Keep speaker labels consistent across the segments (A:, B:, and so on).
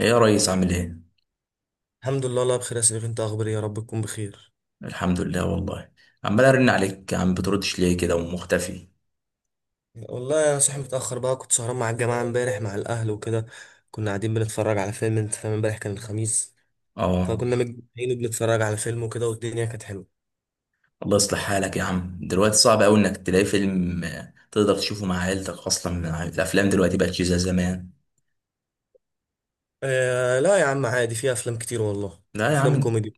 A: ايه يا ريس؟ عامل ايه؟
B: الحمد لله، الله بخير يا سيدي. انت اخباري؟ يا رب تكون بخير.
A: الحمد لله والله. عمال ارن عليك يا عم، بتردش ليه كده ومختفي؟
B: والله انا صاحي متاخر بقى، كنت سهران مع الجماعه امبارح مع الاهل وكده. كنا قاعدين بنتفرج على فيلم، انت فاهم، امبارح كان الخميس.
A: اه.
B: فكنا متجمعين وبنتفرج على فيلم وكده، والدنيا كانت حلوه.
A: الله يصلح حالك يا عم. دلوقتي صعب قوي انك تلاقي فيلم تقدر تشوفه مع عيلتك اصلا، الافلام دلوقتي بقت مش زي زمان.
B: آه لا يا عم، عادي، في افلام كتير والله.
A: لا يا عم
B: افلام
A: انت،
B: كوميدي.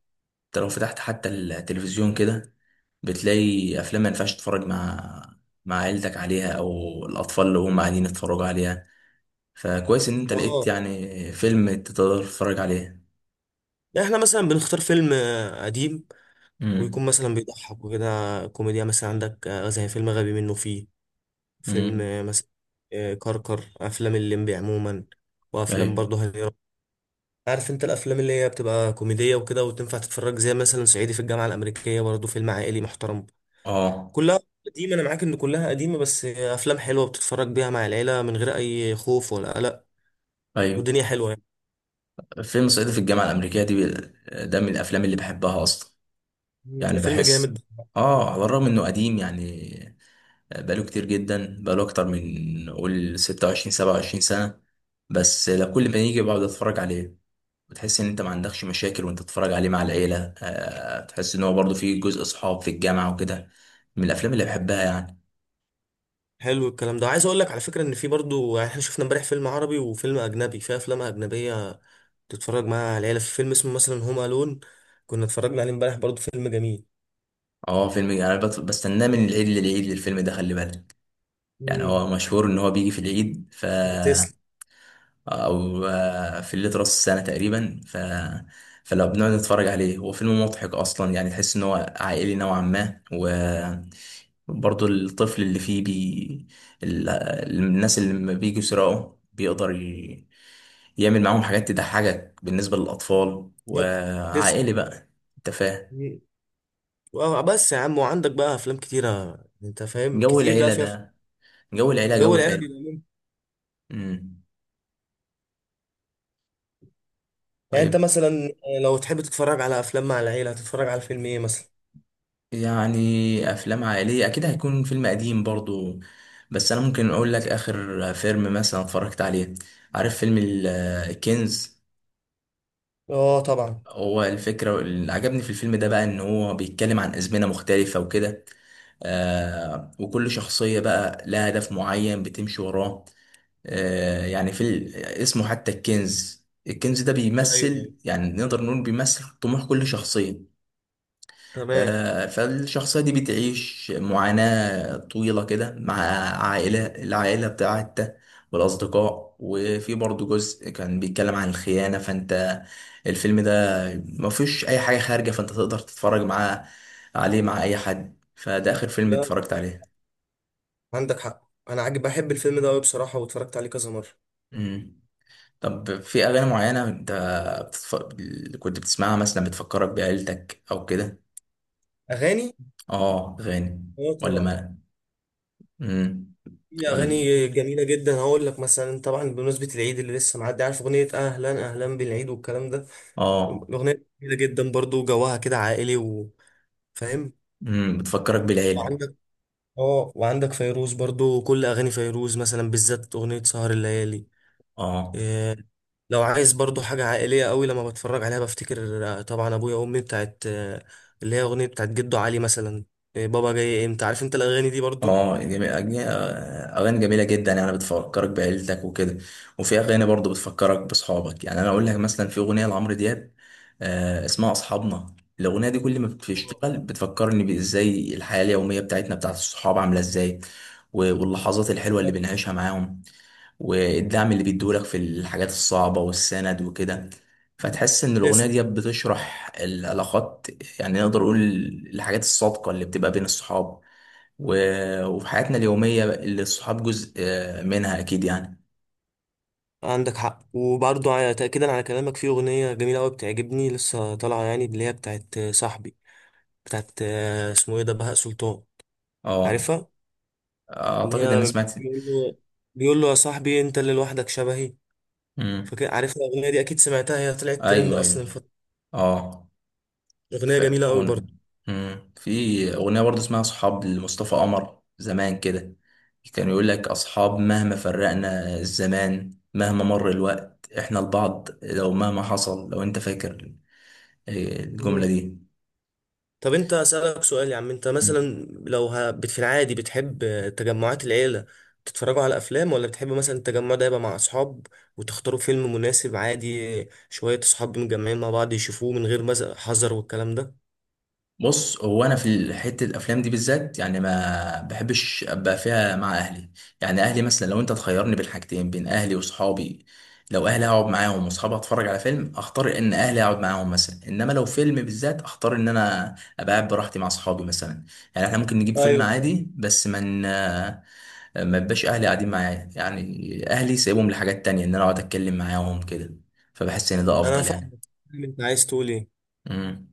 A: لو فتحت حتى التلفزيون كده بتلاقي افلام ما ينفعش تتفرج مع عيلتك عليها، او الاطفال اللي هم قاعدين يتفرجوا عليها. فكويس ان انت لقيت
B: اه.
A: يعني فيلم تقدر تتفرج عليه.
B: يعني احنا مثلا بنختار فيلم قديم، ويكون
A: امم.
B: مثلا بيضحك وكده. كوميديا مثلا عندك زي فيلم غبي منه فيه. فيلم
A: امم.
B: مثلا. كركر، افلام الليمبي عموما. وافلام
A: ايوه.
B: برضه هنيرة. عارف انت الافلام اللي هي بتبقى كوميديه وكده وتنفع تتفرج، زي مثلا صعيدي في الجامعه الامريكيه، برضه فيلم عائلي محترم.
A: اه.
B: كلها قديمه. انا معاك ان كلها قديمه، بس افلام حلوه بتتفرج بيها مع العيله من غير اي خوف ولا قلق.
A: ايوه.
B: والدنيا حلوه يعني.
A: فيلم صعيدي في الجامعة الأمريكية دي، ده من الأفلام اللي بحبها أصلا. يعني
B: الفيلم
A: بحس،
B: جامد.
A: آه، على الرغم إنه قديم يعني. آه، بقاله كتير جدا، بقاله أكتر من قول 26 27 سنة. بس لا، كل ما يجي بقعد أتفرج عليه. بتحس إن أنت ما عندكش مشاكل وأنت تتفرج عليه مع العيلة. آه، تحس إن هو برضه فيه جزء صحاب في الجامعة وكده. من الأفلام اللي بحبها يعني.
B: حلو الكلام ده. عايز اقول لك على فكره ان في برضه، يعني احنا شفنا امبارح فيلم عربي وفيلم اجنبي. في افلام اجنبيه تتفرج مع العيله، في فيلم اسمه مثلا هوم الون. كنا اتفرجنا عليه امبارح، برضه فيلم جميل.
A: آه، فيلم أنا بستناه من العيد للعيد للفيلم ده، خلي بالك. يعني
B: مم.
A: هو مشهور إن هو بيجي في العيد، ف،
B: تسلم.
A: او في الليل راس السنه تقريبا. ف، فلو بنقعد نتفرج عليه هو فيلم مضحك اصلا، يعني تحس ان هو عائلي نوعا ما. وبرضه الطفل اللي فيه ال- الناس اللي لما بيجوا يسرقوا بيقدر يعمل معاهم حاجات تضحكك بالنسبه للاطفال،
B: يب. تسلم.
A: وعائلي بقى. انت فاهم،
B: بس يا عم، وعندك بقى افلام كتيره. انت فاهم
A: جو
B: كتير لا
A: العيله
B: فيها.
A: ده. جو العيله
B: جو
A: جو
B: العيله
A: حلو.
B: بيبقى ممتع.
A: امم.
B: يعني انت
A: طيب.
B: مثلا، لو تحب تتفرج على افلام مع العيله هتتفرج على فيلم ايه مثلا؟
A: يعني افلام عائليه اكيد هيكون فيلم قديم برضو، بس انا ممكن اقول لك اخر فيلم مثلا اتفرجت عليه. عارف فيلم الكنز؟
B: اه طبعا.
A: هو الفكره اللي عجبني في الفيلم ده بقى ان هو بيتكلم عن ازمنه مختلفه وكده. آه، وكل شخصيه بقى لها هدف معين بتمشي وراه. آه، يعني في اسمه حتى الكنز، الكنز ده
B: ايوه ايوه،
A: بيمثل، يعني نقدر نقول بيمثل طموح كل شخصيه.
B: تمام.
A: فالشخصية دي بتعيش معاناة طويلة كده مع العائلة بتاعتها والأصدقاء. وفي برضه جزء كان بيتكلم عن الخيانة. فأنت الفيلم ده مفيش أي حاجة خارجة، فأنت تقدر تتفرج معاه عليه مع أي حد. فده آخر فيلم
B: لا،
A: اتفرجت عليه.
B: عندك حق. انا عاجب بحب الفيلم ده قوي بصراحه، واتفرجت عليه كذا مره.
A: مم. طب، في أغاني معينة أنت بتتف... كنت بتسمعها مثلا بتفكرك بعيلتك أو كده؟
B: اغاني؟
A: آه، أغاني؟
B: اه
A: ولا
B: طبعا.
A: ما؟ مم.
B: في
A: ولا.
B: اغاني جميله جدا. هقول لك مثلا، طبعا بمناسبه العيد اللي لسه معدي، عارف اغنيه اهلا اهلا بالعيد والكلام ده.
A: آه.
B: الاغنيه جميله جدا، برضو جواها كده عائلي وفاهم.
A: بتفكرك بالعيلة؟
B: اه وعندك فيروز برضو، كل اغاني فيروز مثلا، بالذات اغنيه سهر الليالي.
A: اه.
B: إيه. لو عايز برضو حاجه عائليه قوي لما بتفرج عليها، بفتكر طبعا ابويا وامي. بتاعت اللي هي اغنيه بتاعت جدو علي مثلا. إيه بابا جاي امتى، عارف انت الاغاني دي برضو.
A: اه، جميل اغاني جميلة جدا يعني بتفكرك بعيلتك وكده. وفي اغاني برضو بتفكرك باصحابك. يعني انا اقول لك مثلا في اغنية لعمرو دياب، آه، اسمها اصحابنا. الاغنية دي كل ما
B: آه.
A: بتشتغل بتفكرني بازاي الحياة اليومية بتاعتنا بتاعت الصحاب عاملة ازاي، واللحظات الحلوة اللي
B: آه.
A: بنعيشها معاهم والدعم اللي بيدولك في الحاجات الصعبة والسند وكده. فتحس إن الأغنية
B: تسلم.
A: دي بتشرح العلاقات، يعني نقدر نقول الحاجات الصادقة اللي بتبقى بين الصحاب وفي حياتنا اليومية اللي الصحاب جزء منها أكيد يعني.
B: عندك حق. وبرضو تاكيدا على كلامك، في اغنيه جميله قوي بتعجبني لسه طالعه يعني، اللي هي بتاعت صاحبي. بتاعت اسمه ايه ده، بهاء سلطان.
A: اه،
B: عارفها. اللي
A: أعتقد إن أنا
B: هي
A: سمعت.
B: بيقول له، بيقول له يا صاحبي انت اللي لوحدك شبهي.
A: مم.
B: فاكر؟ عارف الأغنية دي أكيد سمعتها، هي طلعت ترند
A: أيوه،
B: أصلا
A: أيوه.
B: الفترة.
A: اه.
B: أغنية
A: ف...
B: جميلة أوي برضه.
A: ون... مم. في أغنية برضه اسمها أصحاب لمصطفى قمر زمان كده، كان يقول لك أصحاب مهما فرقنا الزمان، مهما مر الوقت إحنا لبعض لو مهما حصل، لو أنت فاكر إيه، الجملة
B: مم.
A: دي.
B: طب أنت أسألك سؤال يا عم. أنت مثلا، في العادي بتحب تجمعات العيلة تتفرجوا على أفلام، ولا بتحب مثلا التجمع ده يبقى مع أصحاب، وتختاروا فيلم مناسب عادي، شوية أصحاب متجمعين مع بعض يشوفوه من غير حذر والكلام ده؟
A: بص، هو انا في حته الافلام دي بالذات يعني ما بحبش ابقى فيها مع اهلي. يعني اهلي مثلا، لو انت تخيرني بين حاجتين، بين اهلي واصحابي، لو اهلي هقعد معاهم واصحابي اتفرج على فيلم، اختار ان اهلي اقعد معاهم مثلا. انما لو فيلم بالذات اختار ان انا ابقى قاعد براحتي مع اصحابي مثلا. يعني احنا ممكن نجيب فيلم
B: ايوه فاهم.
A: عادي بس من ما ما يبقاش اهلي قاعدين معايا يعني. اهلي سايبهم لحاجات تانية ان انا اقعد اتكلم معاهم كده، فبحس ان ده
B: أنا
A: افضل يعني.
B: فاهم أنت عايز تقول إيه.
A: إمم.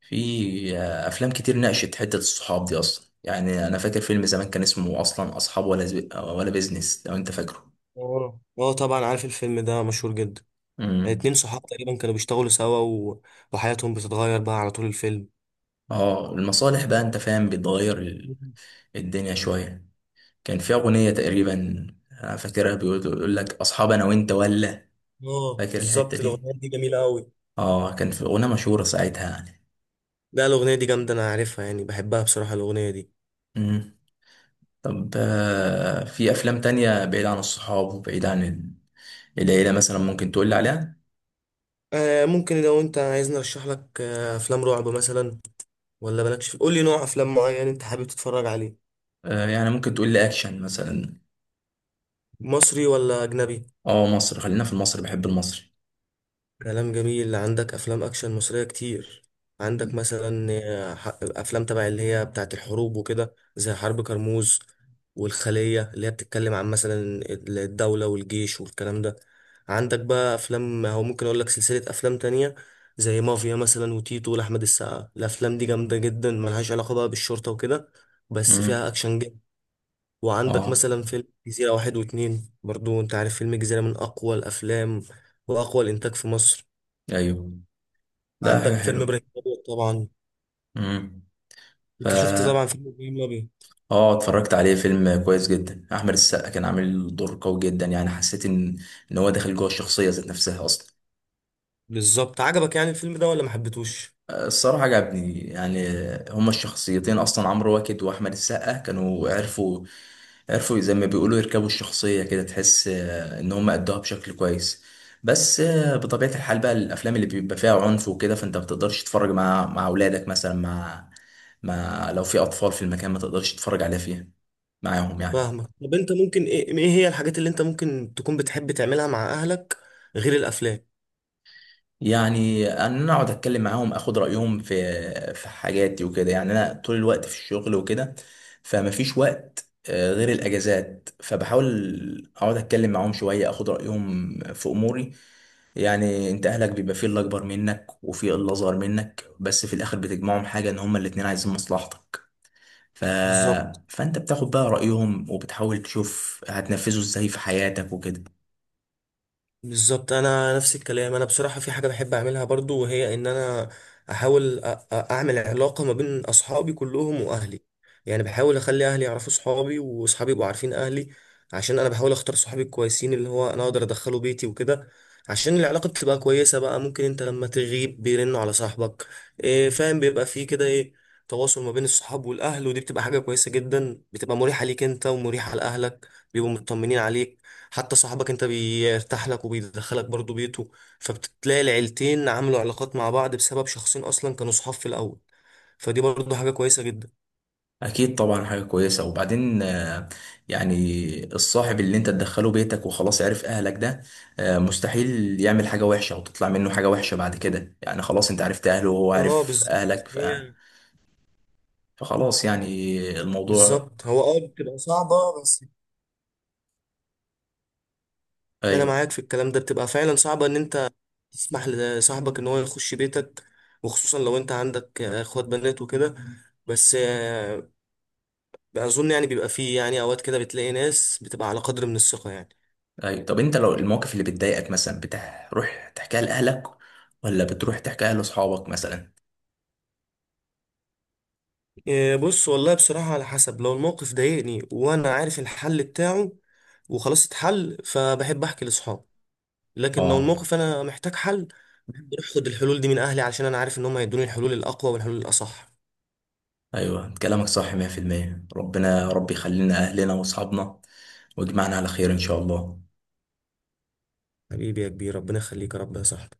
A: في افلام كتير ناقشت حته الصحاب دي اصلا. يعني انا فاكر فيلم زمان كان اسمه اصلا اصحاب ولا ولا بيزنس، لو انت فاكره.
B: اه اه طبعا عارف الفيلم ده، مشهور جدا.
A: امم.
B: اتنين صحاب تقريبا كانوا بيشتغلوا سوا، و... وحياتهم بتتغير بقى على طول الفيلم.
A: اه، المصالح بقى انت فاهم بتغير الدنيا شويه. كان في اغنيه تقريبا، انا فاكرها بيقول، يقول لك اصحاب انا وانت ولا،
B: اه
A: فاكر الحته
B: بالظبط،
A: دي؟
B: الاغنيه دي جميله قوي.
A: اه، كان في اغنيه مشهوره ساعتها يعني.
B: لا الاغنيه دي جامده، انا عارفها يعني، بحبها بصراحه الاغنيه دي.
A: امم. طب، في افلام تانية بعيد عن الصحاب وبعيد عن العيله مثلا، ممكن تقول لي عليها؟
B: آه ممكن. لو انت عايزني ارشح لك، آه افلام رعب مثلا، ولا مالكش قول لي نوع افلام معين انت حابب تتفرج عليه.
A: يعني ممكن تقول لي اكشن مثلا.
B: مصري ولا اجنبي؟
A: اه، مصر، خلينا في المصري، بحب المصري.
B: كلام جميل. عندك افلام اكشن مصريه كتير. عندك مثلا افلام تبع اللي هي بتاعت الحروب وكده، زي حرب كرموز والخليه، اللي هي بتتكلم عن مثلا الدوله والجيش والكلام ده. عندك بقى افلام، هو ممكن اقول لك سلسله افلام تانية، زي مافيا مثلا وتيتو لاحمد السقا. الافلام دي جامده جدا، ملهاش علاقه بقى بالشرطه وكده، بس
A: امم.
B: فيها اكشن جدا. وعندك
A: اه.
B: مثلا فيلم جزيره واحد واتنين برضو. انت عارف فيلم جزيره من اقوى الافلام واقوى الانتاج في مصر.
A: ايوه. لا، حاجه
B: عندك فيلم
A: حلوه.
B: ابراهيم الابيض طبعا.
A: امم. فا
B: انت شفت طبعا فيلم ابراهيم الابيض.
A: اه، اتفرجت عليه، فيلم كويس جدا. احمد السقا كان عامل دور قوي جدا، يعني حسيت ان هو داخل جوه الشخصيه ذات نفسها اصلا.
B: بالظبط. عجبك يعني الفيلم ده ولا ما حبيتهوش؟
A: الصراحه عجبني يعني. هما الشخصيتين اصلا عمرو واكد واحمد السقا كانوا عرفوا زي ما بيقولوا يركبوا الشخصية كده، تحس إن هم أدوها بشكل كويس. بس بطبيعة الحال بقى الأفلام اللي بيبقى فيها عنف وكده، فأنت ما بتقدرش تتفرج مع أولادك مثلا، مع لو في أطفال في المكان ما تقدرش تتفرج عليها فيها معاهم يعني.
B: فاهمك. طب انت ممكن، ايه ايه هي الحاجات اللي انت ممكن تكون بتحب تعملها مع اهلك غير الافلام؟
A: يعني أن أنا أقعد أتكلم معاهم، أخد رأيهم في حاجاتي وكده. يعني أنا طول الوقت في الشغل وكده، فما فيش وقت غير الأجازات، فبحاول أقعد أتكلم معاهم شوية، أخد رأيهم في أموري. يعني انت اهلك بيبقى فيه اللي اكبر منك وفيه اللي اصغر منك، بس في الاخر بتجمعهم حاجه ان هما الاتنين عايزين مصلحتك. ف...
B: بالظبط.
A: فانت بتاخد بقى رايهم وبتحاول تشوف هتنفذه ازاي في حياتك وكده.
B: بالظبط. انا نفس الكلام. انا بصراحه في حاجه بحب اعملها برضو، وهي ان انا احاول اعمل علاقه ما بين اصحابي كلهم واهلي. يعني بحاول اخلي اهلي يعرفوا صحابي، واصحابي يبقوا عارفين اهلي، عشان انا بحاول اختار صحابي الكويسين اللي هو انا اقدر ادخله بيتي وكده. عشان العلاقه بتبقى كويسه بقى، ممكن انت لما تغيب بيرنوا على صاحبك. إيه فاهم، بيبقى فيه كده ايه، تواصل ما بين الصحاب والاهل. ودي بتبقى حاجه كويسه جدا، بتبقى مريحه ليك انت ومريحه لاهلك. بيبقوا مطمنين عليك. حتى صاحبك انت بيرتاح لك، وبيدخلك برضو بيته. فبتلاقي العيلتين عملوا علاقات مع بعض بسبب شخصين اصلا كانوا صحاب في الاول. فدي برضو حاجة كويسة جدا.
A: اكيد طبعا حاجه كويسه. وبعدين يعني الصاحب اللي انت تدخله بيتك وخلاص عرف اهلك ده، مستحيل يعمل حاجه وحشه او تطلع منه حاجه وحشه بعد كده. يعني خلاص انت عرفت اهله وهو
B: اه
A: عارف
B: بالظبط،
A: اهلك.
B: هي
A: فخلاص يعني الموضوع.
B: بالظبط هو. اه بتبقى صعبة بس. انا
A: ايوه،
B: معاك في الكلام ده، بتبقى فعلا صعبة ان انت تسمح لصاحبك ان هو يخش بيتك، وخصوصا لو انت عندك اخوات بنات وكده. بس اظن يعني بيبقى فيه يعني اوقات كده، بتلاقي ناس بتبقى على قدر من الثقة يعني.
A: ايوه. طب انت لو المواقف اللي بتضايقك مثلا بتروح تحكيها لاهلك ولا بتروح تحكيها لاصحابك مثلا؟
B: إيه، بص والله بصراحة، على حسب. لو الموقف ضايقني وأنا عارف الحل بتاعه وخلاص اتحل، فبحب أحكي لأصحابي. لكن لو
A: اه.
B: الموقف أنا محتاج حل، بحب أروح أخد الحلول دي من أهلي، علشان أنا عارف إن هم هيدوني الحلول الأقوى والحلول الأصح.
A: ايوه، كلامك صح 100%. ربنا يا رب يخلينا اهلنا واصحابنا، ويجمعنا على خير ان شاء الله.
B: حبيبي يا كبير، ربنا يخليك يا رب يا صاحبي.